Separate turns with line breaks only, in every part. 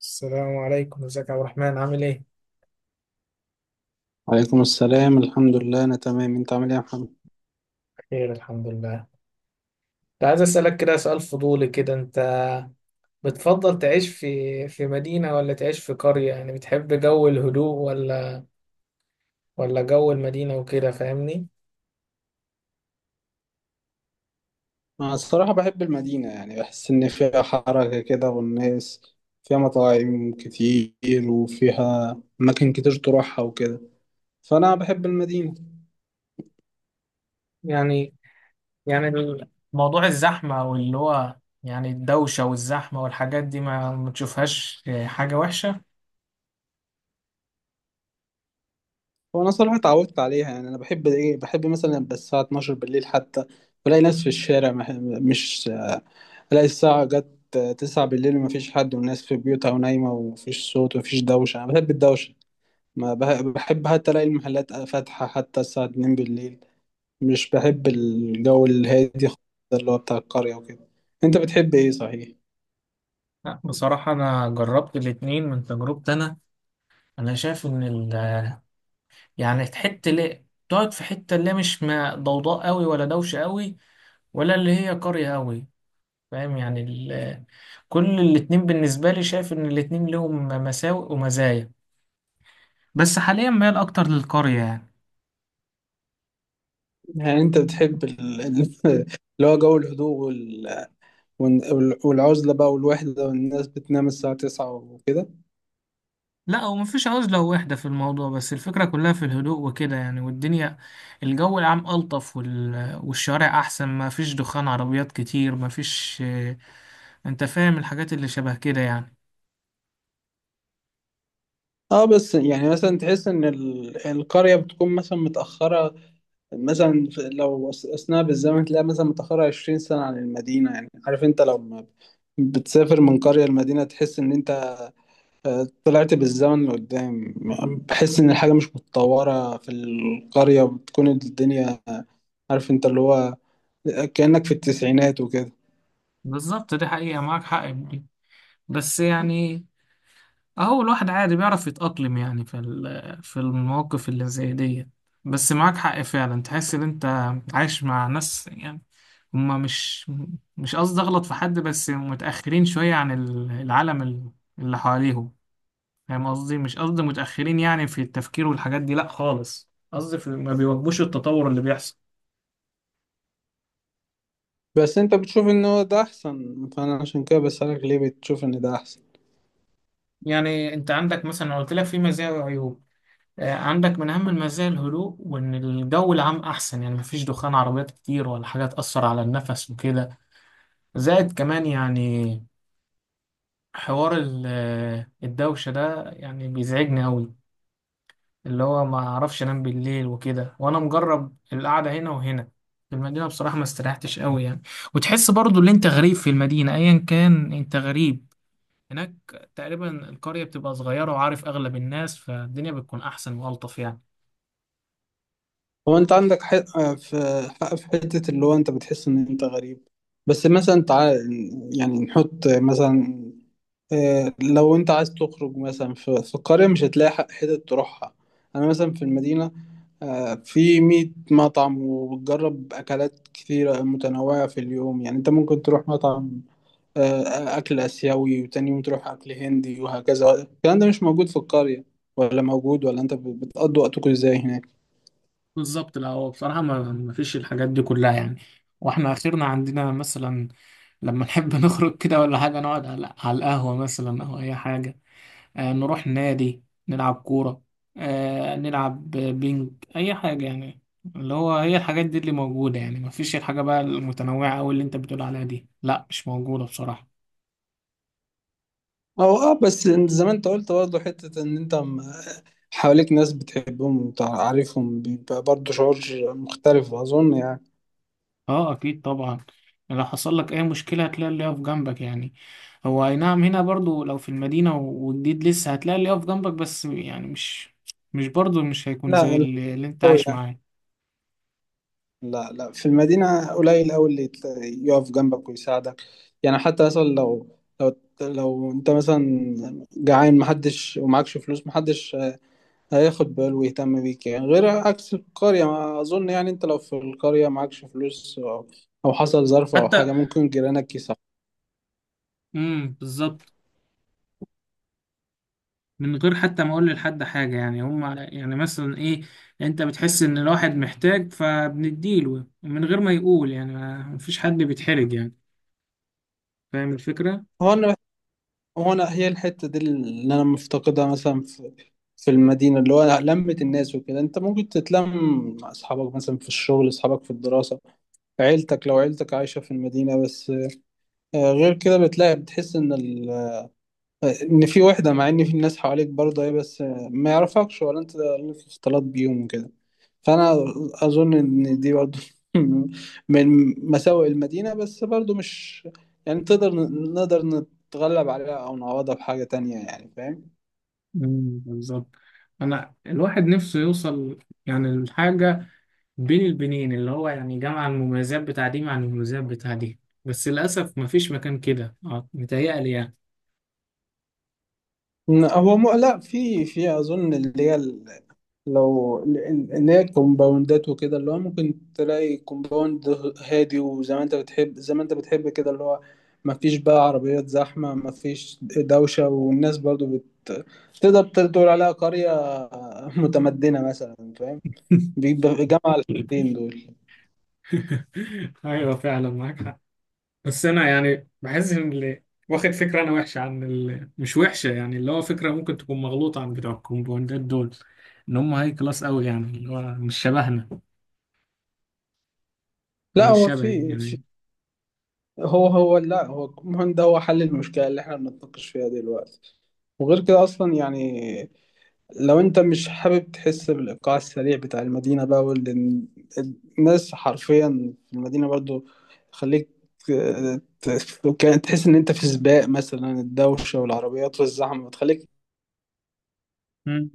السلام عليكم، ازيك يا عبد الرحمن، عامل ايه؟
عليكم السلام، الحمد لله أنا تمام. أنت عامل إيه يا محمد؟
بخير الحمد لله. كنت عايز اسألك كده سؤال فضولي كده. انت بتفضل تعيش في مدينة ولا تعيش في قرية؟ يعني بتحب جو الهدوء ولا جو المدينة وكده، فاهمني؟
أنا الصراحة بحب المدينة، يعني بحس إن فيها حركة كده والناس فيها، مطاعم كتير وفيها أماكن كتير تروحها وكده، فأنا بحب المدينة.
يعني يعني موضوع الزحمة واللي هو يعني الدوشة والزحمة والحاجات دي ما تشوفهاش حاجة وحشة؟
وأنا صراحة اتعودت عليها، يعني أنا بحب إيه، بحب مثلا يبقى الساعة 12 بالليل حتى بلاقي ناس في الشارع. مش ألاقي الساعة جت 9 بالليل ومفيش حد والناس في بيوتها ونايمة ومفيش صوت ومفيش دوشة. أنا بحب الدوشة. ما بح- بحب حتى ألاقي المحلات فاتحة حتى الساعة 2 بالليل. مش بحب الجو الهادي خالص، ده اللي هو بتاع القرية وكده. انت بتحب ايه صحيح؟
لا بصراحة أنا جربت الاتنين. من تجربتي أنا شايف إن يعني حتة اللي تقعد في حتة اللي مش ما ضوضاء قوي ولا دوشة قوي، ولا اللي هي قرية قوي. فاهم يعني كل الاتنين بالنسبة لي، شايف ان الاتنين لهم مساوئ ومزايا، بس حاليا ميال اكتر للقرية يعني.
يعني انت بتحب اللي هو جو الهدوء والعزلة بقى، والوحدة، والناس بتنام الساعة تسعة وكده.
لا، هو مفيش عزلة ووحدة في الموضوع، بس الفكرة كلها في الهدوء وكده يعني. والدنيا الجو العام ألطف والشوارع أحسن، ما فيش دخان عربيات كتير، ما فيش. أنت فاهم الحاجات اللي شبه كده يعني.
اه، بس يعني مثلا تحس ان القرية بتكون مثلا متأخرة، مثلا لو أثناء بالزمن تلاقي مثلا متأخرة 20 سنة عن المدينة. يعني عارف انت لما بتسافر من قرية لمدينة تحس ان انت طلعت بالزمن لقدام. بحس ان الحاجه مش متطوره في القريه، بتكون الدنيا عارف انت اللي هو كانك في التسعينات وكده.
بالظبط، دي حقيقة، معاك حق في دي. بس يعني اهو الواحد عادي بيعرف يتأقلم يعني في في المواقف اللي زي دي. بس معاك حق فعلا، تحس ان انت عايش مع ناس يعني. هما مش قصدي اغلط في حد، بس متأخرين شوية عن العالم اللي حواليهم. فاهم قصدي؟ مش قصدي متأخرين يعني في التفكير والحاجات دي، لا خالص. قصدي ما بيواكبوش التطور اللي بيحصل.
بس انت بتشوف ان هو ده احسن، فانا عشان كده بسألك ليه بتشوف ان ده احسن.
يعني انت عندك مثلا، أنا قلت لك في مزايا وعيوب. عندك من أهم المزايا الهدوء، وإن الجو العام أحسن يعني، مفيش دخان عربيات كتير ولا حاجة تأثر على النفس وكده. زائد كمان يعني حوار الدوشة ده، يعني بيزعجني أوي. اللي هو ما أعرفش أنام بالليل وكده. وأنا مجرب القعدة هنا وهنا. في المدينة بصراحة ما استريحتش أوي يعني. وتحس برضو إن أنت غريب في المدينة، أيا كان أنت غريب هناك. تقريبا القرية بتبقى صغيرة وعارف أغلب الناس، فالدنيا بتكون أحسن وألطف يعني.
هو انت عندك حق في، حته اللي هو انت بتحس ان انت غريب. بس مثلا تعال، يعني نحط مثلا، لو انت عايز تخرج مثلا في القرية مش هتلاقي حتت تروحها. انا مثلا في المدينة في 100 مطعم وبتجرب اكلات كتيرة متنوعة في اليوم. يعني انت ممكن تروح مطعم اكل اسيوي، وتاني يوم تروح اكل هندي وهكذا. الكلام ده مش موجود في القرية، ولا موجود، ولا انت بتقضي وقتكم ازاي هناك؟
بالظبط. لا هو بصراحة ما فيش الحاجات دي كلها يعني. واحنا اخرنا عندنا مثلا لما نحب نخرج كده ولا حاجة، نقعد على القهوة مثلا، او اي حاجة. آه نروح نادي، نلعب كورة، آه نلعب بينج، اي حاجة يعني. اللي هو هي الحاجات دي اللي موجودة يعني، ما فيش الحاجة بقى المتنوعة او اللي انت بتقول عليها دي، لا مش موجودة بصراحة.
او اه، بس زي ما انت قلت برضه حتة ان انت حواليك ناس بتحبهم وتعرفهم، بيبقى برضه شعور مختلف اظن يعني.
اه اكيد طبعا. لو حصل لك اي مشكله هتلاقي اللي يقف جنبك يعني. هو اي نعم، هنا برضو لو في المدينه وجديد لسه هتلاقي اللي يقف جنبك، بس يعني مش برضو مش هيكون زي
لا،
اللي انت
أوي
عايش
لا،
معاه.
لا لا، في المدينة قليل أوي اللي يقف جنبك ويساعدك. يعني حتى مثلا لو، أنت مثلا جعان، محدش ومعكش فلوس، محدش هياخد باله ويهتم بيك يعني، غير عكس القرية ما أظن. يعني أنت لو في القرية معكش فلوس أو، حصل ظرف أو
حتى،
حاجة، ممكن جيرانك يساعدوك.
بالظبط. من غير حتى ما اقول لحد حاجه يعني، هم يعني مثلا ايه، انت بتحس ان الواحد محتاج فبنديله من غير ما يقول يعني، ما مفيش حد بيتحرج يعني. فاهم الفكره؟
هو أنا، هي الحتة دي اللي أنا مفتقدها مثلا في، المدينة، اللي هو لمة الناس وكده. أنت ممكن تتلم مع أصحابك مثلا في الشغل، أصحابك في الدراسة، عيلتك لو عيلتك عايشة في المدينة. بس غير كده بتلاقي بتحس إن ال... آه، إن في وحدة، مع إن في ناس حواليك برضه إيه، بس ما يعرفكش ولا أنت اللي في اختلاط بيهم وكده. فأنا أظن إن دي برضه من مساوئ المدينة، بس برضه مش، يعني نقدر نتغلب عليها أو نعوضها بحاجة تانية، يعني فاهم؟
بالظبط. انا الواحد نفسه يوصل يعني لحاجه بين البنين، اللي هو يعني جمع المميزات بتاع دي مع المميزات بتاع دي، بس للأسف مفيش مكان كده اه، متهيألي يعني.
هو لا، في أظن اللي هي، الكومباوندات وكده، اللي هو ممكن تلاقي كومباوند هادي، وزي ما انت بتحب زي ما انت بتحب كده، اللي هو ما فيش بقى عربيات زحمة، ما فيش دوشة، والناس برضو تقدر تقول عليها قرية متمدنة مثلا، فاهم؟ بيبقى جمع الحاجتين دول.
أيوة فعلا معاك حق. بس أنا يعني بحس إن اللي واخد فكرة أنا وحشة عن مش وحشة يعني، اللي هو فكرة ممكن تكون مغلوطة عن بتوع الكومباوندات دول. إن هم هاي كلاس أوي يعني، اللي هو مش شبهنا، أو
لا
مش
هو
شبهي يعني.
هو، هو لا هو المهم، ده هو حل المشكلة اللي احنا بنتناقش فيها دلوقتي. وغير كده اصلا يعني، لو انت مش حابب تحس بالايقاع السريع بتاع المدينه بقى الناس حرفيا في المدينه، برضو خليك، وكان تحس ان انت في سباق مثلا. الدوشه والعربيات والزحمه بتخليك
مم.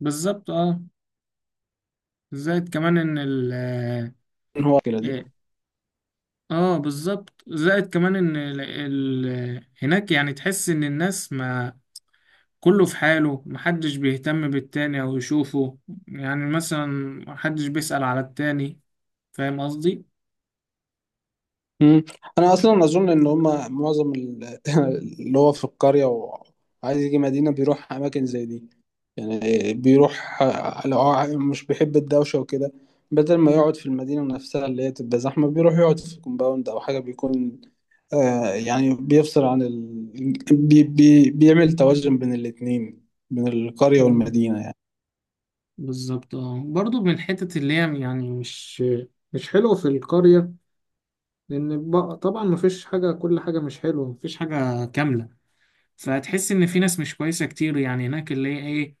بالظبط أه. زائد كمان إن ال
ان هو كده دي.
آه، اه بالظبط. زائد كمان ان هناك يعني تحس ان الناس ما كله في حاله، محدش بيهتم بالتاني او يشوفه. يعني مثلا محدش بيسأل على التاني. فاهم قصدي؟
مم. انا اصلا اظن ان هما معظم اللي هو في القريه وعايز يجي مدينه بيروح اماكن زي دي. يعني بيروح، لو هو مش بيحب الدوشه وكده، بدل ما يقعد في المدينة نفسها اللي هي تبقى زحمة، بيروح يقعد في كومباوند أو حاجة، بيكون يعني بيفصل عن بي بي بيعمل توازن بين الاتنين، بين القرية
مم.
والمدينة يعني.
بالظبط. اه برضو من الحتت اللي هي يعني مش حلوة في القرية. لأن طبعا مفيش حاجة، كل حاجة مش حلوة، مفيش حاجة كاملة. فتحس إن في ناس مش كويسة كتير يعني هناك، اللي هي إيه،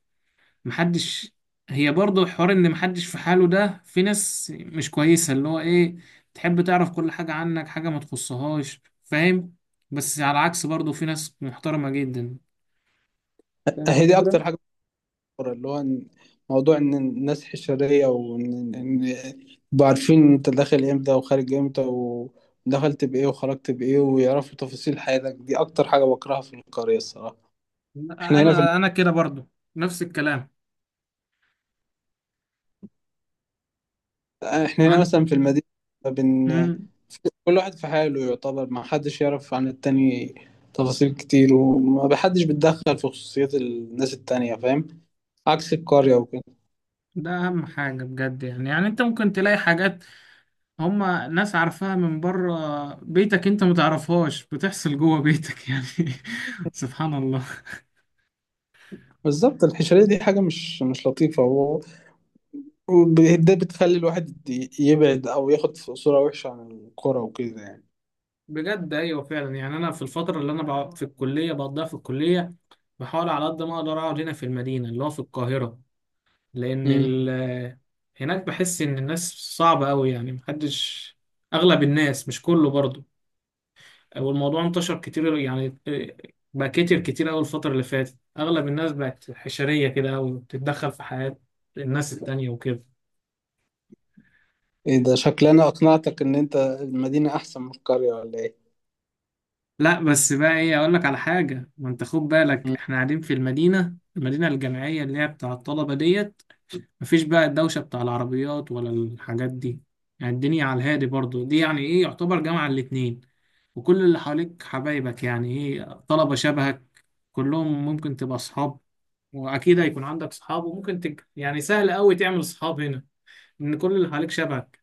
محدش هي برضه حوار ان محدش في حاله. ده في ناس مش كويسة، اللي هو ايه، تحب تعرف كل حاجة عنك، حاجة ما تخصهاش. فاهم؟ بس على العكس برضه في ناس محترمة جدا. فاهم
هي دي
الفكرة؟
أكتر حاجة بتضر، اللي هو موضوع إن الناس حشرية، وإن يبقوا عارفين أنت داخل إمتى وخارج إمتى، ودخلت بإيه وخرجت بإيه، ويعرفوا تفاصيل حياتك. دي أكتر حاجة بكرهها في القرية الصراحة. إحنا هنا في
انا كده برضه نفس الكلام
احنا هنا
عن
مثلا في المدينة بن...
مم.
كل واحد في حاله، يعتبر ما حدش يعرف عن التاني تفاصيل كتير، وما حدش بيتدخل في خصوصيات الناس التانية، فاهم؟ عكس القرية وكده.
ده اهم حاجة بجد يعني انت ممكن تلاقي حاجات هما ناس عارفاها من بره، بيتك انت متعرفهاش بتحصل جوه بيتك يعني. سبحان الله.
بالظبط، الحشرية دي حاجة مش لطيفة، وده بتخلي الواحد يبعد أو ياخد صورة وحشة عن القرى وكده يعني.
بجد ايوه فعلا. يعني انا في الفتره اللي انا بقعد في الكليه بقضيها في الكليه، بحاول على قد ما اقدر اقعد هنا في المدينه اللي هو في القاهره. لان
مم.
هناك بحس ان الناس صعبه قوي يعني. اغلب الناس، مش كله برضو. والموضوع انتشر كتير يعني. بقى كتير كتير قوي الفتره اللي فاتت، اغلب الناس بقت حشريه كده قوي، وبتتدخل في حياه الناس التانية وكده.
إيه ده، شكلنا أقنعتك إن أنت المدينة أحسن من القرية ولا إيه؟
لا بس بقى ايه، اقول لك على حاجه. ما انت خد بالك، احنا قاعدين في المدينه الجامعيه اللي هي بتاع الطلبه ديت. مفيش بقى الدوشة بتاع العربيات ولا الحاجات دي. يعني الدنيا على الهادي برضو، دي يعني ايه، يعتبر جامعة الاتنين. وكل اللي حواليك حبايبك يعني ايه، طلبة شبهك، كلهم ممكن تبقى صحاب. واكيد هيكون عندك صحاب، وممكن يعني سهل قوي تعمل صحاب هنا، ان كل اللي حواليك شبهك.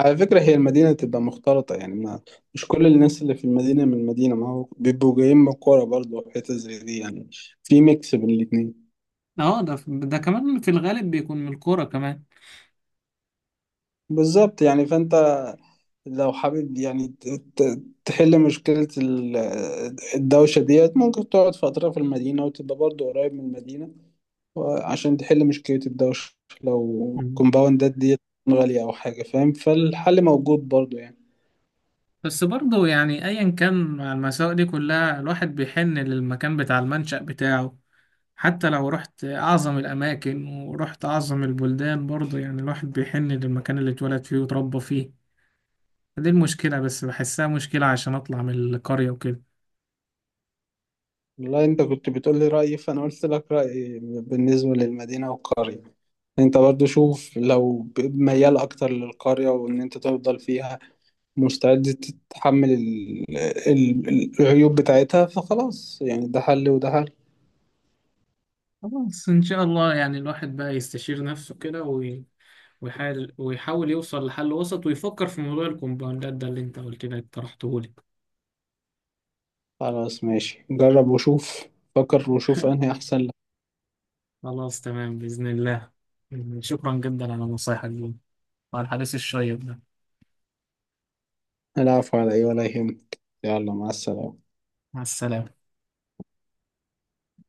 على فكرة هي المدينة تبقى مختلطة يعني، ما مش كل الناس اللي في المدينة من المدينة، ما هو بيبقوا جايين من القرى برضه وحتت زي دي يعني، في ميكس بين الاتنين.
اه ده كمان في الغالب بيكون من الكورة كمان.
بالظبط يعني، فأنت لو حابب يعني تحل مشكلة الدوشة ديت، ممكن تقعد فترة في المدينة وتبقى برضه قريب من المدينة عشان تحل مشكلة الدوشة، لو
مم.
الكومباوندات ديت غالية أو حاجة، فاهم؟ فالحل موجود برضه يعني.
بس برضه يعني ايا كان، مع المساوئ دي كلها الواحد بيحن للمكان بتاع المنشأ بتاعه. حتى لو رحت أعظم الأماكن ورحت أعظم البلدان، برضه يعني الواحد بيحن للمكان اللي اتولد فيه وتربى فيه. فدي المشكلة، بس بحسها مشكلة عشان أطلع من القرية وكده.
والله انت كنت بتقول لي رأيي، فانا قلت لك رأيي بالنسبة للمدينة والقرية. انت برضو شوف، لو ميال اكتر للقرية وان انت تفضل فيها مستعد تتحمل العيوب بتاعتها، فخلاص يعني، ده حل وده حل.
خلاص إن شاء الله. يعني الواحد بقى يستشير نفسه كده ويحاول يوصل لحل وسط، ويفكر في موضوع الكومباوندات ده اللي أنت قلت لي اقترحته لي.
خلاص ماشي، جرب وشوف، فكر وشوف انهي احسن لك.
خلاص تمام بإذن الله. شكرا جدا على نصايحك دي وعلى الحديث الشيق ده.
العفو، على ايه، ولا يهمك. يلا مع السلامة.
مع السلامة.